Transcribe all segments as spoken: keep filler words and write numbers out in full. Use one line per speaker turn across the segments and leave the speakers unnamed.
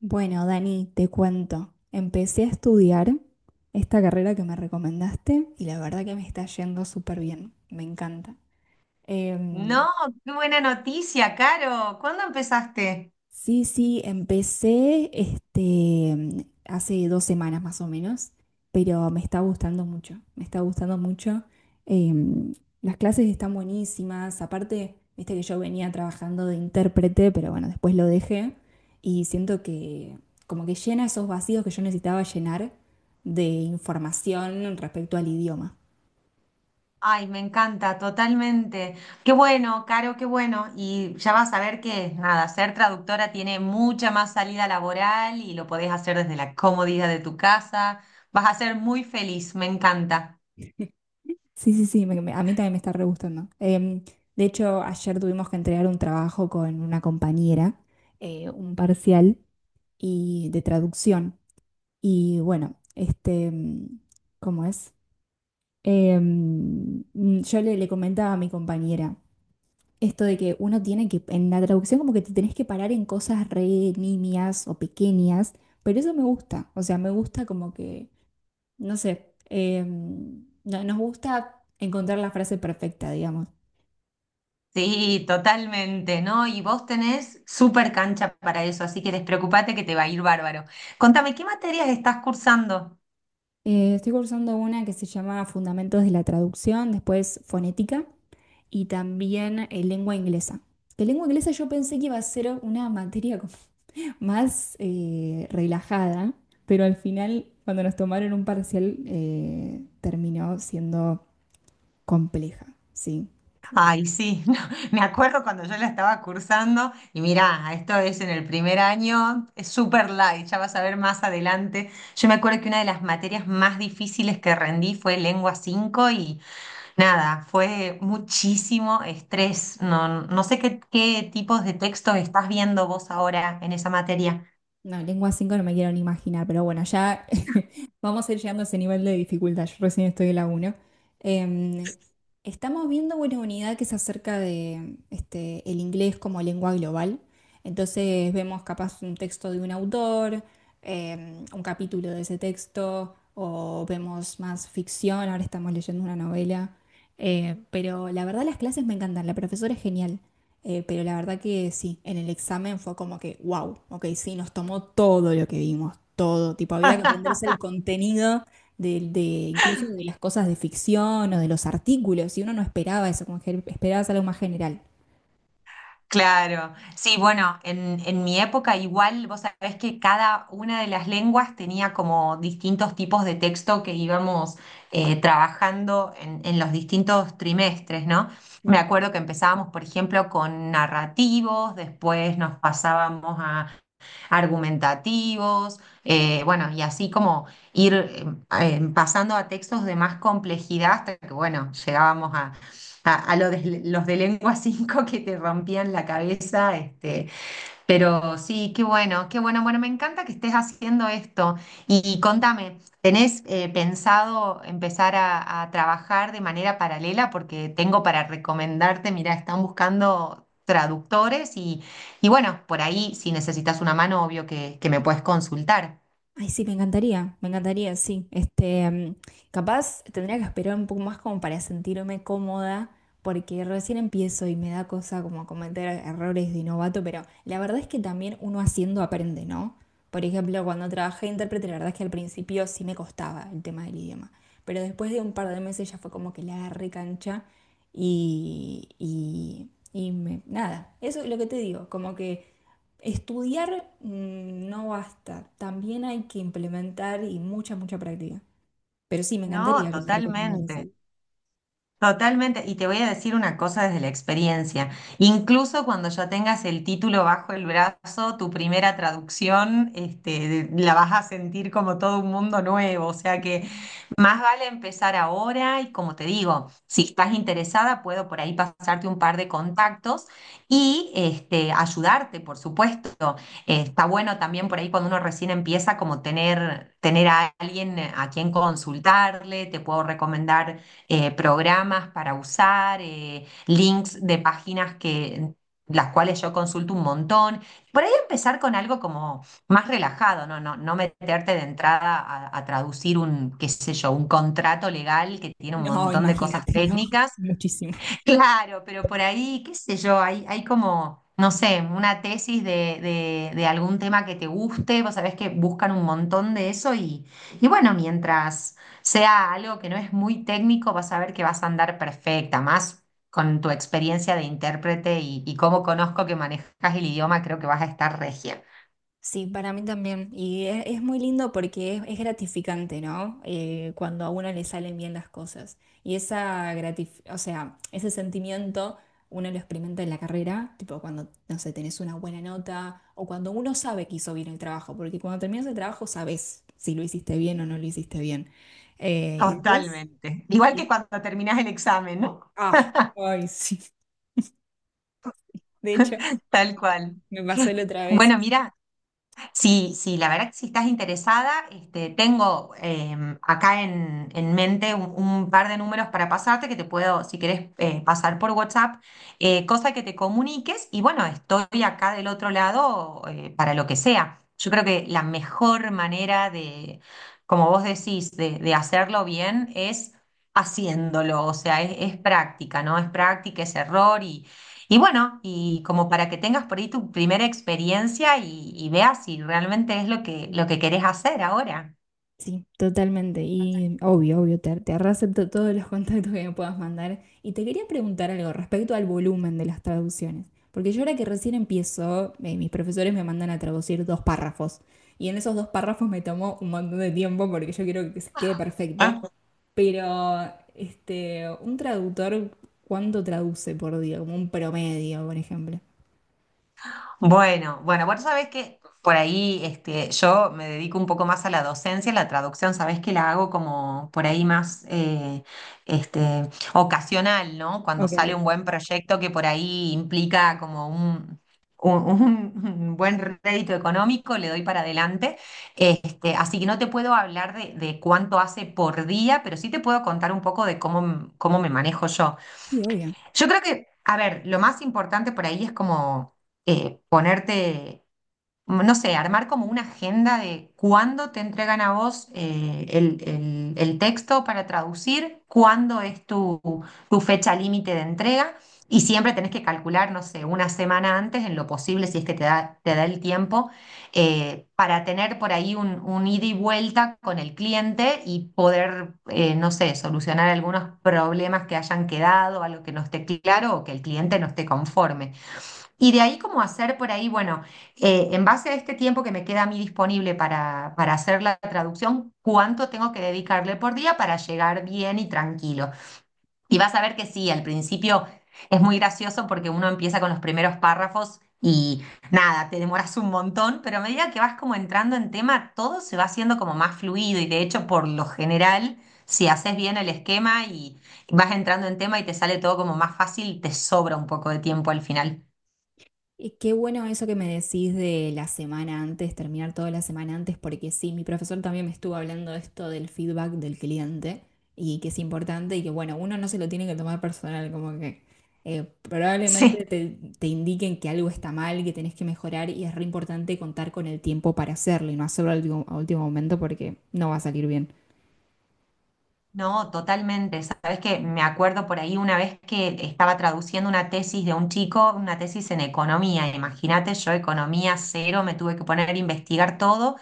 Bueno, Dani, te cuento. Empecé a estudiar esta carrera que me recomendaste y la verdad que me está yendo súper bien. Me encanta.
No,
Eh,
qué buena noticia, Caro. ¿Cuándo empezaste?
Sí, sí, empecé este, hace dos semanas más o menos, pero me está gustando mucho, me está gustando mucho. Em, las clases están buenísimas, aparte, viste que yo venía trabajando de intérprete, pero bueno, después lo dejé y siento que como que llena esos vacíos que yo necesitaba llenar de información respecto al idioma.
Ay, me encanta, totalmente. Qué bueno, Caro, qué bueno. Y ya vas a ver que, nada, ser traductora tiene mucha más salida laboral y lo podés hacer desde la comodidad de tu casa. Vas a ser muy feliz, me encanta.
Sí, sí, sí, me- me- a mí también me está re gustando. Em, de hecho, ayer tuvimos que entregar un trabajo con una compañera, eh, un parcial y de traducción. Y bueno, este, mm, ¿cómo es? Em, mm, yo le, le comentaba a mi compañera esto de que uno tiene que, en la traducción como que te tenés que parar en cosas re nimias o pequeñas, pero eso me gusta. O sea, me gusta como que, no sé, em, no- nos gusta encontrar la frase perfecta, digamos.
Sí, totalmente, ¿no? Y vos tenés súper cancha para eso, así que despreocupate que te va a ir bárbaro. Contame, ¿qué materias estás cursando?
Eh, estoy cursando una que se llama Fundamentos de la Traducción, después Fonética y también eh, Lengua Inglesa. Que lengua inglesa yo pensé que iba a ser una materia como más eh, relajada, pero al final, cuando nos tomaron un parcial, eh, terminó siendo compleja, ¿sí?
Ay, sí, no, me acuerdo cuando yo la estaba cursando y mirá, esto es en el primer año, es super light, ya vas a ver más adelante. Yo me acuerdo que una de las materias más difíciles que rendí fue lengua cinco y nada, fue muchísimo estrés. No, no sé qué, qué tipos de textos estás viendo vos ahora en esa materia.
No, lengua cinco no me quiero ni imaginar, pero bueno, ya vamos a ir llegando a ese nivel de dificultad. Yo recién estoy en la uno. Em, Estamos viendo una unidad que es acerca de este, el inglés como lengua global. Entonces vemos capaz un texto de un autor, em, un capítulo de ese texto, o vemos más ficción, ahora estamos leyendo una novela. Eh, pero la verdad las clases me encantan, la profesora es genial. Eh, pero la verdad que sí, en el examen fue como que, wow, ok, sí, nos tomó todo lo que vimos, todo. Tipo, había que aprenderse el contenido de, de- incluso de las cosas de ficción o de los artículos, y uno no esperaba eso, como que esperabas algo más general.
Claro, sí, bueno, en, en mi época igual, vos sabés que cada una de las lenguas tenía como distintos tipos de texto que íbamos eh, trabajando en, en los distintos trimestres, ¿no? Me acuerdo que empezábamos, por ejemplo, con narrativos, después nos pasábamos argumentativos, eh, bueno, y así como ir eh, eh, pasando a textos de más complejidad hasta que, bueno, llegábamos a, a- a lo de- los de lengua cinco que te rompían la cabeza, este, pero sí, qué bueno, qué bueno. Bueno, me encanta que estés haciendo esto. Y, y contame, ¿tenés eh, pensado empezar a, a trabajar de manera paralela? Porque tengo para recomendarte, mira, están buscando traductores y, y bueno, por ahí si necesitas una mano, obvio que, que me puedes consultar.
Ay, sí, me encantaría, me encantaría, sí. Este, mm, capaz tendría que esperar un poco más como para sentirme cómoda, porque recién empiezo y me da cosa como cometer errores de novato, pero la verdad es que también uno haciendo aprende, ¿no? Por ejemplo, cuando trabajé de intérprete, la verdad es que al principio sí me costaba el tema del idioma, pero después de un par de meses ya fue como que la agarré cancha y, y, y me- nada, eso es lo que te digo, como que... Estudiar mm, no basta, también hay que implementar y mucha, mucha práctica. Pero sí, me
No,
encantaría que me recomendaras
totalmente.
algo.
Totalmente, y te voy a decir una cosa desde la experiencia. Incluso cuando ya tengas el título bajo el brazo, tu primera traducción, este, la vas a sentir como todo un mundo nuevo. O sea que más vale empezar ahora y como te digo, si estás interesada, puedo por ahí pasarte un par de contactos y este, ayudarte, por supuesto. Eh, está bueno también por ahí cuando uno recién empieza como tener, tener a alguien a quien consultarle, te puedo recomendar eh, programas para usar, eh, links de páginas que, las cuales yo consulto un montón. Por ahí empezar con algo como más relajado, no, no, no meterte de entrada a, a traducir un, qué sé yo, un contrato legal que tiene un
No,
montón de cosas
imagínate, no,
técnicas.
muchísimo.
Claro, pero por ahí, qué sé yo, hay, hay como, no sé, una tesis de, de- de algún tema que te guste, vos sabés que buscan un montón de eso y, y bueno, mientras sea algo que no es muy técnico, vas a ver que vas a andar perfecta, más con tu experiencia de intérprete y, y cómo conozco que manejas el idioma, creo que vas a estar regia.
Sí, para mí también. Y es, es muy lindo porque es, es gratificante, ¿no? Eh, cuando a uno le salen bien las cosas. Y esa gratif- o sea, ese sentimiento uno lo experimenta en la carrera, tipo cuando, no sé, tenés una buena nota o cuando uno sabe que hizo bien el trabajo, porque cuando terminas el trabajo sabes si lo hiciste bien o no lo hiciste bien. Eh, y después,
Totalmente, igual
y-
que cuando terminás el examen, ¿no?
ah, ay, sí. De hecho,
Tal cual.
me pasó la otra vez.
Bueno, mira. Sí, sí, la verdad que si estás interesada, este, tengo em, acá en, en mente un, un par de números para pasarte que te puedo, si querés, eh, pasar por WhatsApp, eh, cosa que te comuniques y bueno, estoy acá del otro lado eh, para lo que sea. Yo creo que la mejor manera de, como vos decís, de, de hacerlo bien es haciéndolo, o sea, es, es práctica, ¿no? Es práctica, es error y bueno, y como para que tengas por ahí tu primera experiencia y, y veas si realmente es lo que, lo que querés hacer ahora.
Sí, totalmente. Y obvio, obvio, te, te reacepto todos los contactos que me puedas mandar. Y te quería preguntar algo respecto al volumen de las traducciones. Porque yo ahora que recién empiezo, eh, mis profesores me mandan a traducir dos párrafos. Y en esos dos párrafos me tomó un montón de tiempo porque yo quiero que se quede perfecto. Pero, este, un traductor, ¿cuánto traduce por día? Como un promedio, por ejemplo.
Bueno, bueno, vos sabés que por ahí este, yo me dedico un poco más a la docencia, la traducción, sabés que la hago como por ahí más eh, este, ocasional, ¿no? Cuando
Ok.
sale un buen proyecto que por ahí implica como un, un- un buen rédito económico, le doy para adelante. Este, así que no te puedo hablar de, de cuánto hace por día, pero sí te puedo contar un poco de cómo, cómo me manejo yo.
Sí, obvio.
Yo creo que, a ver, lo más importante por ahí es como eh, ponerte, no sé, armar como una agenda de cuándo te entregan a vos eh, el, el- el texto para traducir, cuándo es tu, tu fecha límite de entrega y siempre tenés que calcular, no sé, una semana antes en lo posible, si es que te da, te da el tiempo, eh, para tener por ahí un, un ida y vuelta con el cliente y poder, eh, no sé, solucionar algunos problemas que hayan quedado, algo que no esté claro o que el cliente no esté conforme. Y de ahí como hacer por ahí, bueno, eh, en base a este tiempo que me queda a mí disponible para, para hacer la traducción, ¿cuánto tengo que dedicarle por día para llegar bien y tranquilo? Y vas a ver que sí, al principio es muy gracioso porque uno empieza con los primeros párrafos y nada, te demoras un montón, pero a medida que vas como entrando en tema, todo se va haciendo como más fluido y de hecho por lo general, si haces bien el esquema y vas entrando en tema y te sale todo como más fácil, te sobra un poco de tiempo al final.
Y qué bueno eso que me decís de la semana antes, terminar toda la semana antes, porque sí, mi profesor también me estuvo hablando de esto del feedback del cliente y que es importante y que bueno, uno no se lo tiene que tomar personal, como que eh, probablemente
Sí.
te, te indiquen que algo está mal, que tenés que mejorar y es re importante contar con el tiempo para hacerlo y no hacerlo al último, a último momento porque no va a salir bien.
No, totalmente. Sabes que me acuerdo por ahí una vez que estaba traduciendo una tesis de un chico, una tesis en economía. Imagínate, yo economía cero, me tuve que poner a investigar todo.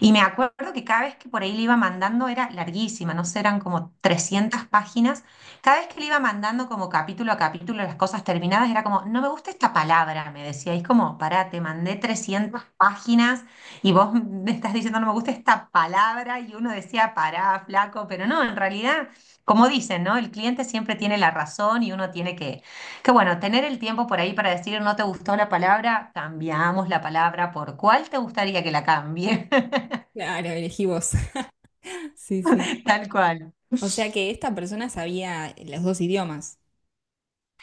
Y me acuerdo que cada vez que por ahí le iba mandando era larguísima, no sé, eran como trescientas páginas. Cada vez que le iba mandando como capítulo a capítulo las cosas terminadas, era como, no me gusta esta palabra, me decía. Y es como, pará, te mandé trescientas páginas y vos me estás diciendo, no me gusta esta palabra. Y uno decía, pará, flaco, pero no, en realidad, como dicen, ¿no? El cliente siempre tiene la razón y uno tiene que, que bueno, tener el tiempo por ahí para decir, no te gustó la palabra, cambiamos la palabra por cuál te gustaría que la cambie.
Claro, elegí vos. Sí, sí.
Tal cual.
O sea que esta persona sabía los dos idiomas.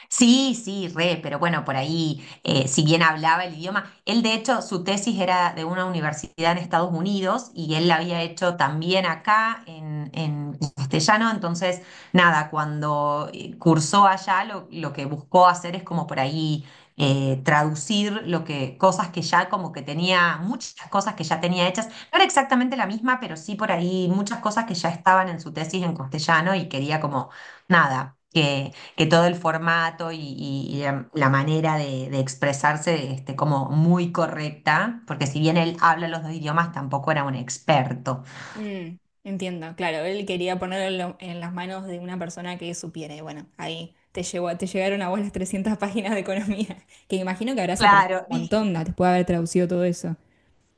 Sí, sí, re, pero bueno, por ahí, eh, si bien hablaba el idioma, él de hecho, su tesis era de una universidad en Estados Unidos y él la había hecho también acá en, en castellano, entonces, nada, cuando eh, cursó allá, lo, lo que buscó hacer es como por ahí eh, traducir lo que, cosas que ya como que tenía, muchas cosas que ya tenía hechas, no era exactamente la misma, pero sí por ahí muchas cosas que ya estaban en su tesis en castellano y quería como, nada, que que todo el formato y, y- y la, la manera de, de expresarse este, como muy correcta, porque si bien él habla los dos idiomas, tampoco era un experto.
Mm, entiendo, claro, él quería ponerlo en, lo- en las manos de una persona que supiera. Y bueno, ahí te llegó, te llegaron a vos las trescientas páginas de economía, que imagino que habrás aprendido
Claro,
un
y
montón ¿no? después de haber traducido todo eso.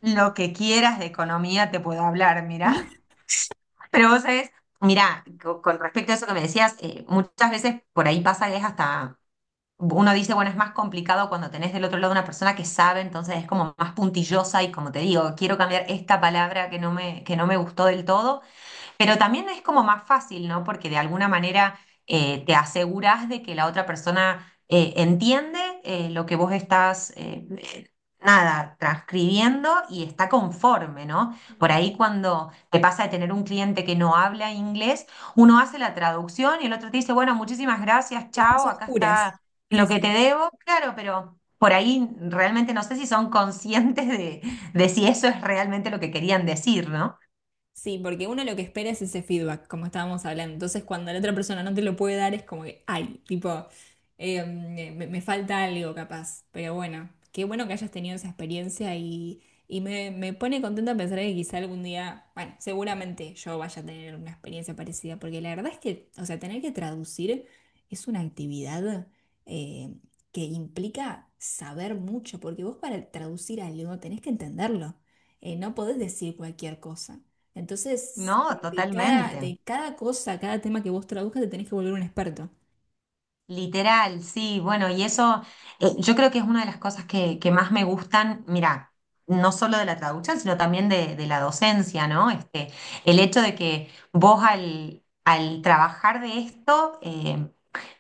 lo que quieras de economía te puedo hablar, mira. Pero vos sabés, mira, co- con respecto a eso que me decías, eh, muchas veces por ahí pasa que es hasta… Uno dice, bueno, es más complicado cuando tenés del otro lado una persona que sabe, entonces es como más puntillosa y como te digo, quiero cambiar esta palabra que no me, que no me gustó del todo. Pero también es como más fácil, ¿no? Porque de alguna manera eh, te aseguras de que la otra persona eh, entiende eh, lo que vos estás, eh, eh, nada, transcribiendo y está conforme, ¿no? Por
Mm.
ahí cuando te pasa de tener un cliente que no habla inglés, uno hace la traducción y el otro te dice, bueno, muchísimas gracias,
Estás
chao,
a
acá
oscuras.
está
Sí,
lo que
sí.
te debo. Claro, pero por ahí realmente no sé si son conscientes de, de si eso es realmente lo que querían decir, ¿no?
Sí, porque uno lo que espera es ese feedback, como estábamos hablando. Entonces, cuando la otra persona no te lo puede dar, es como que, ay, tipo, eh, me, me falta algo capaz. Pero bueno, qué bueno que hayas tenido esa experiencia y, y me, me pone contenta pensar que quizá algún día, bueno, seguramente yo vaya a tener una experiencia parecida, porque la verdad es que, o sea, tener que traducir es una actividad eh, que implica saber mucho, porque vos para traducir algo tenés que entenderlo. Eh, no podés decir cualquier cosa.
No,
Entonces, como que cada,
totalmente.
de cada cosa, cada tema que vos traduzcas, te tenés que volver un experto.
Literal, sí, bueno, y eso eh, yo creo que es una de las cosas que, que más me gustan, mira, no solo de la traducción, sino también de, de la docencia, ¿no? Este, el hecho de que vos al, al trabajar de esto, eh,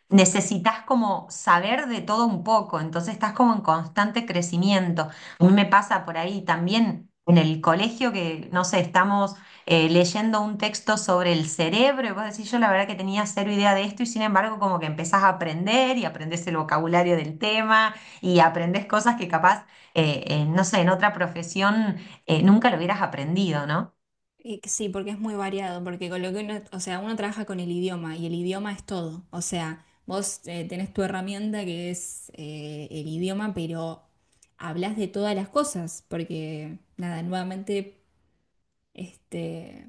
necesitas como saber de todo un poco, entonces estás como en constante crecimiento. A mí me pasa por ahí también en el colegio que, no sé, estamos eh, leyendo un texto sobre el cerebro y vos decís, yo la verdad que tenía cero idea de esto y sin embargo como que empezás a aprender y aprendés el vocabulario del tema y aprendés cosas que capaz, eh, eh, no sé, en otra profesión eh, nunca lo hubieras aprendido, ¿no?
Y que sí, porque es muy variado, porque con lo que uno, o sea, uno trabaja con el idioma y el idioma es todo. O sea, vos eh, tenés tu herramienta que es eh, el idioma, pero hablas de todas las cosas, porque nada, nuevamente, este,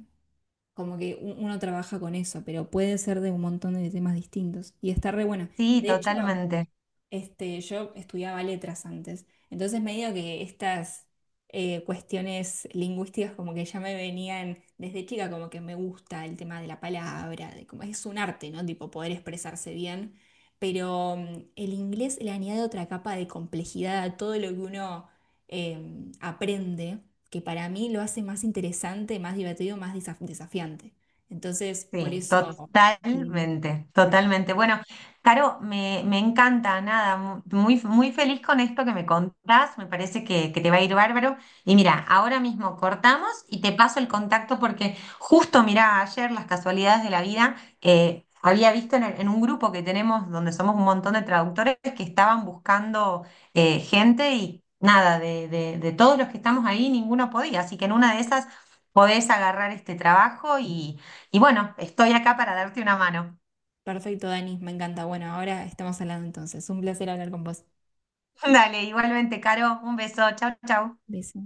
como que u- uno trabaja con eso, pero puede ser de un montón de temas distintos. Y está re bueno.
Sí,
De hecho.
totalmente.
Este, yo estudiaba letras antes, entonces medio que estas eh, cuestiones lingüísticas como que ya me venían desde chica, como que me gusta el tema de la palabra, de cómo es un arte, ¿no? Tipo poder expresarse bien, pero mm, el inglés le añade otra capa de complejidad a todo lo que uno eh, aprende, que para mí lo hace más interesante, más divertido, más desaf- desafiante. Entonces, por
Sí,
eso... Lina.
totalmente, totalmente. Bueno, Caro, me, me encanta, nada, mu- muy, muy feliz con esto que me contás, me parece que, que te va a ir bárbaro. Y mira, ahora mismo cortamos y te paso el contacto porque justo, mira, ayer las casualidades de la vida, eh, había visto en, el- en un grupo que tenemos donde somos un montón de traductores que estaban buscando eh, gente y nada, de, de, de todos los que estamos ahí, ninguno podía, así que en una de esas podés agarrar este trabajo y… Y bueno, estoy acá para darte una mano.
Perfecto, Dani, me encanta. Bueno, ahora estamos hablando entonces. Un placer hablar con vos.
Dale, igualmente, Caro, un beso. Chau, chau.
Beso.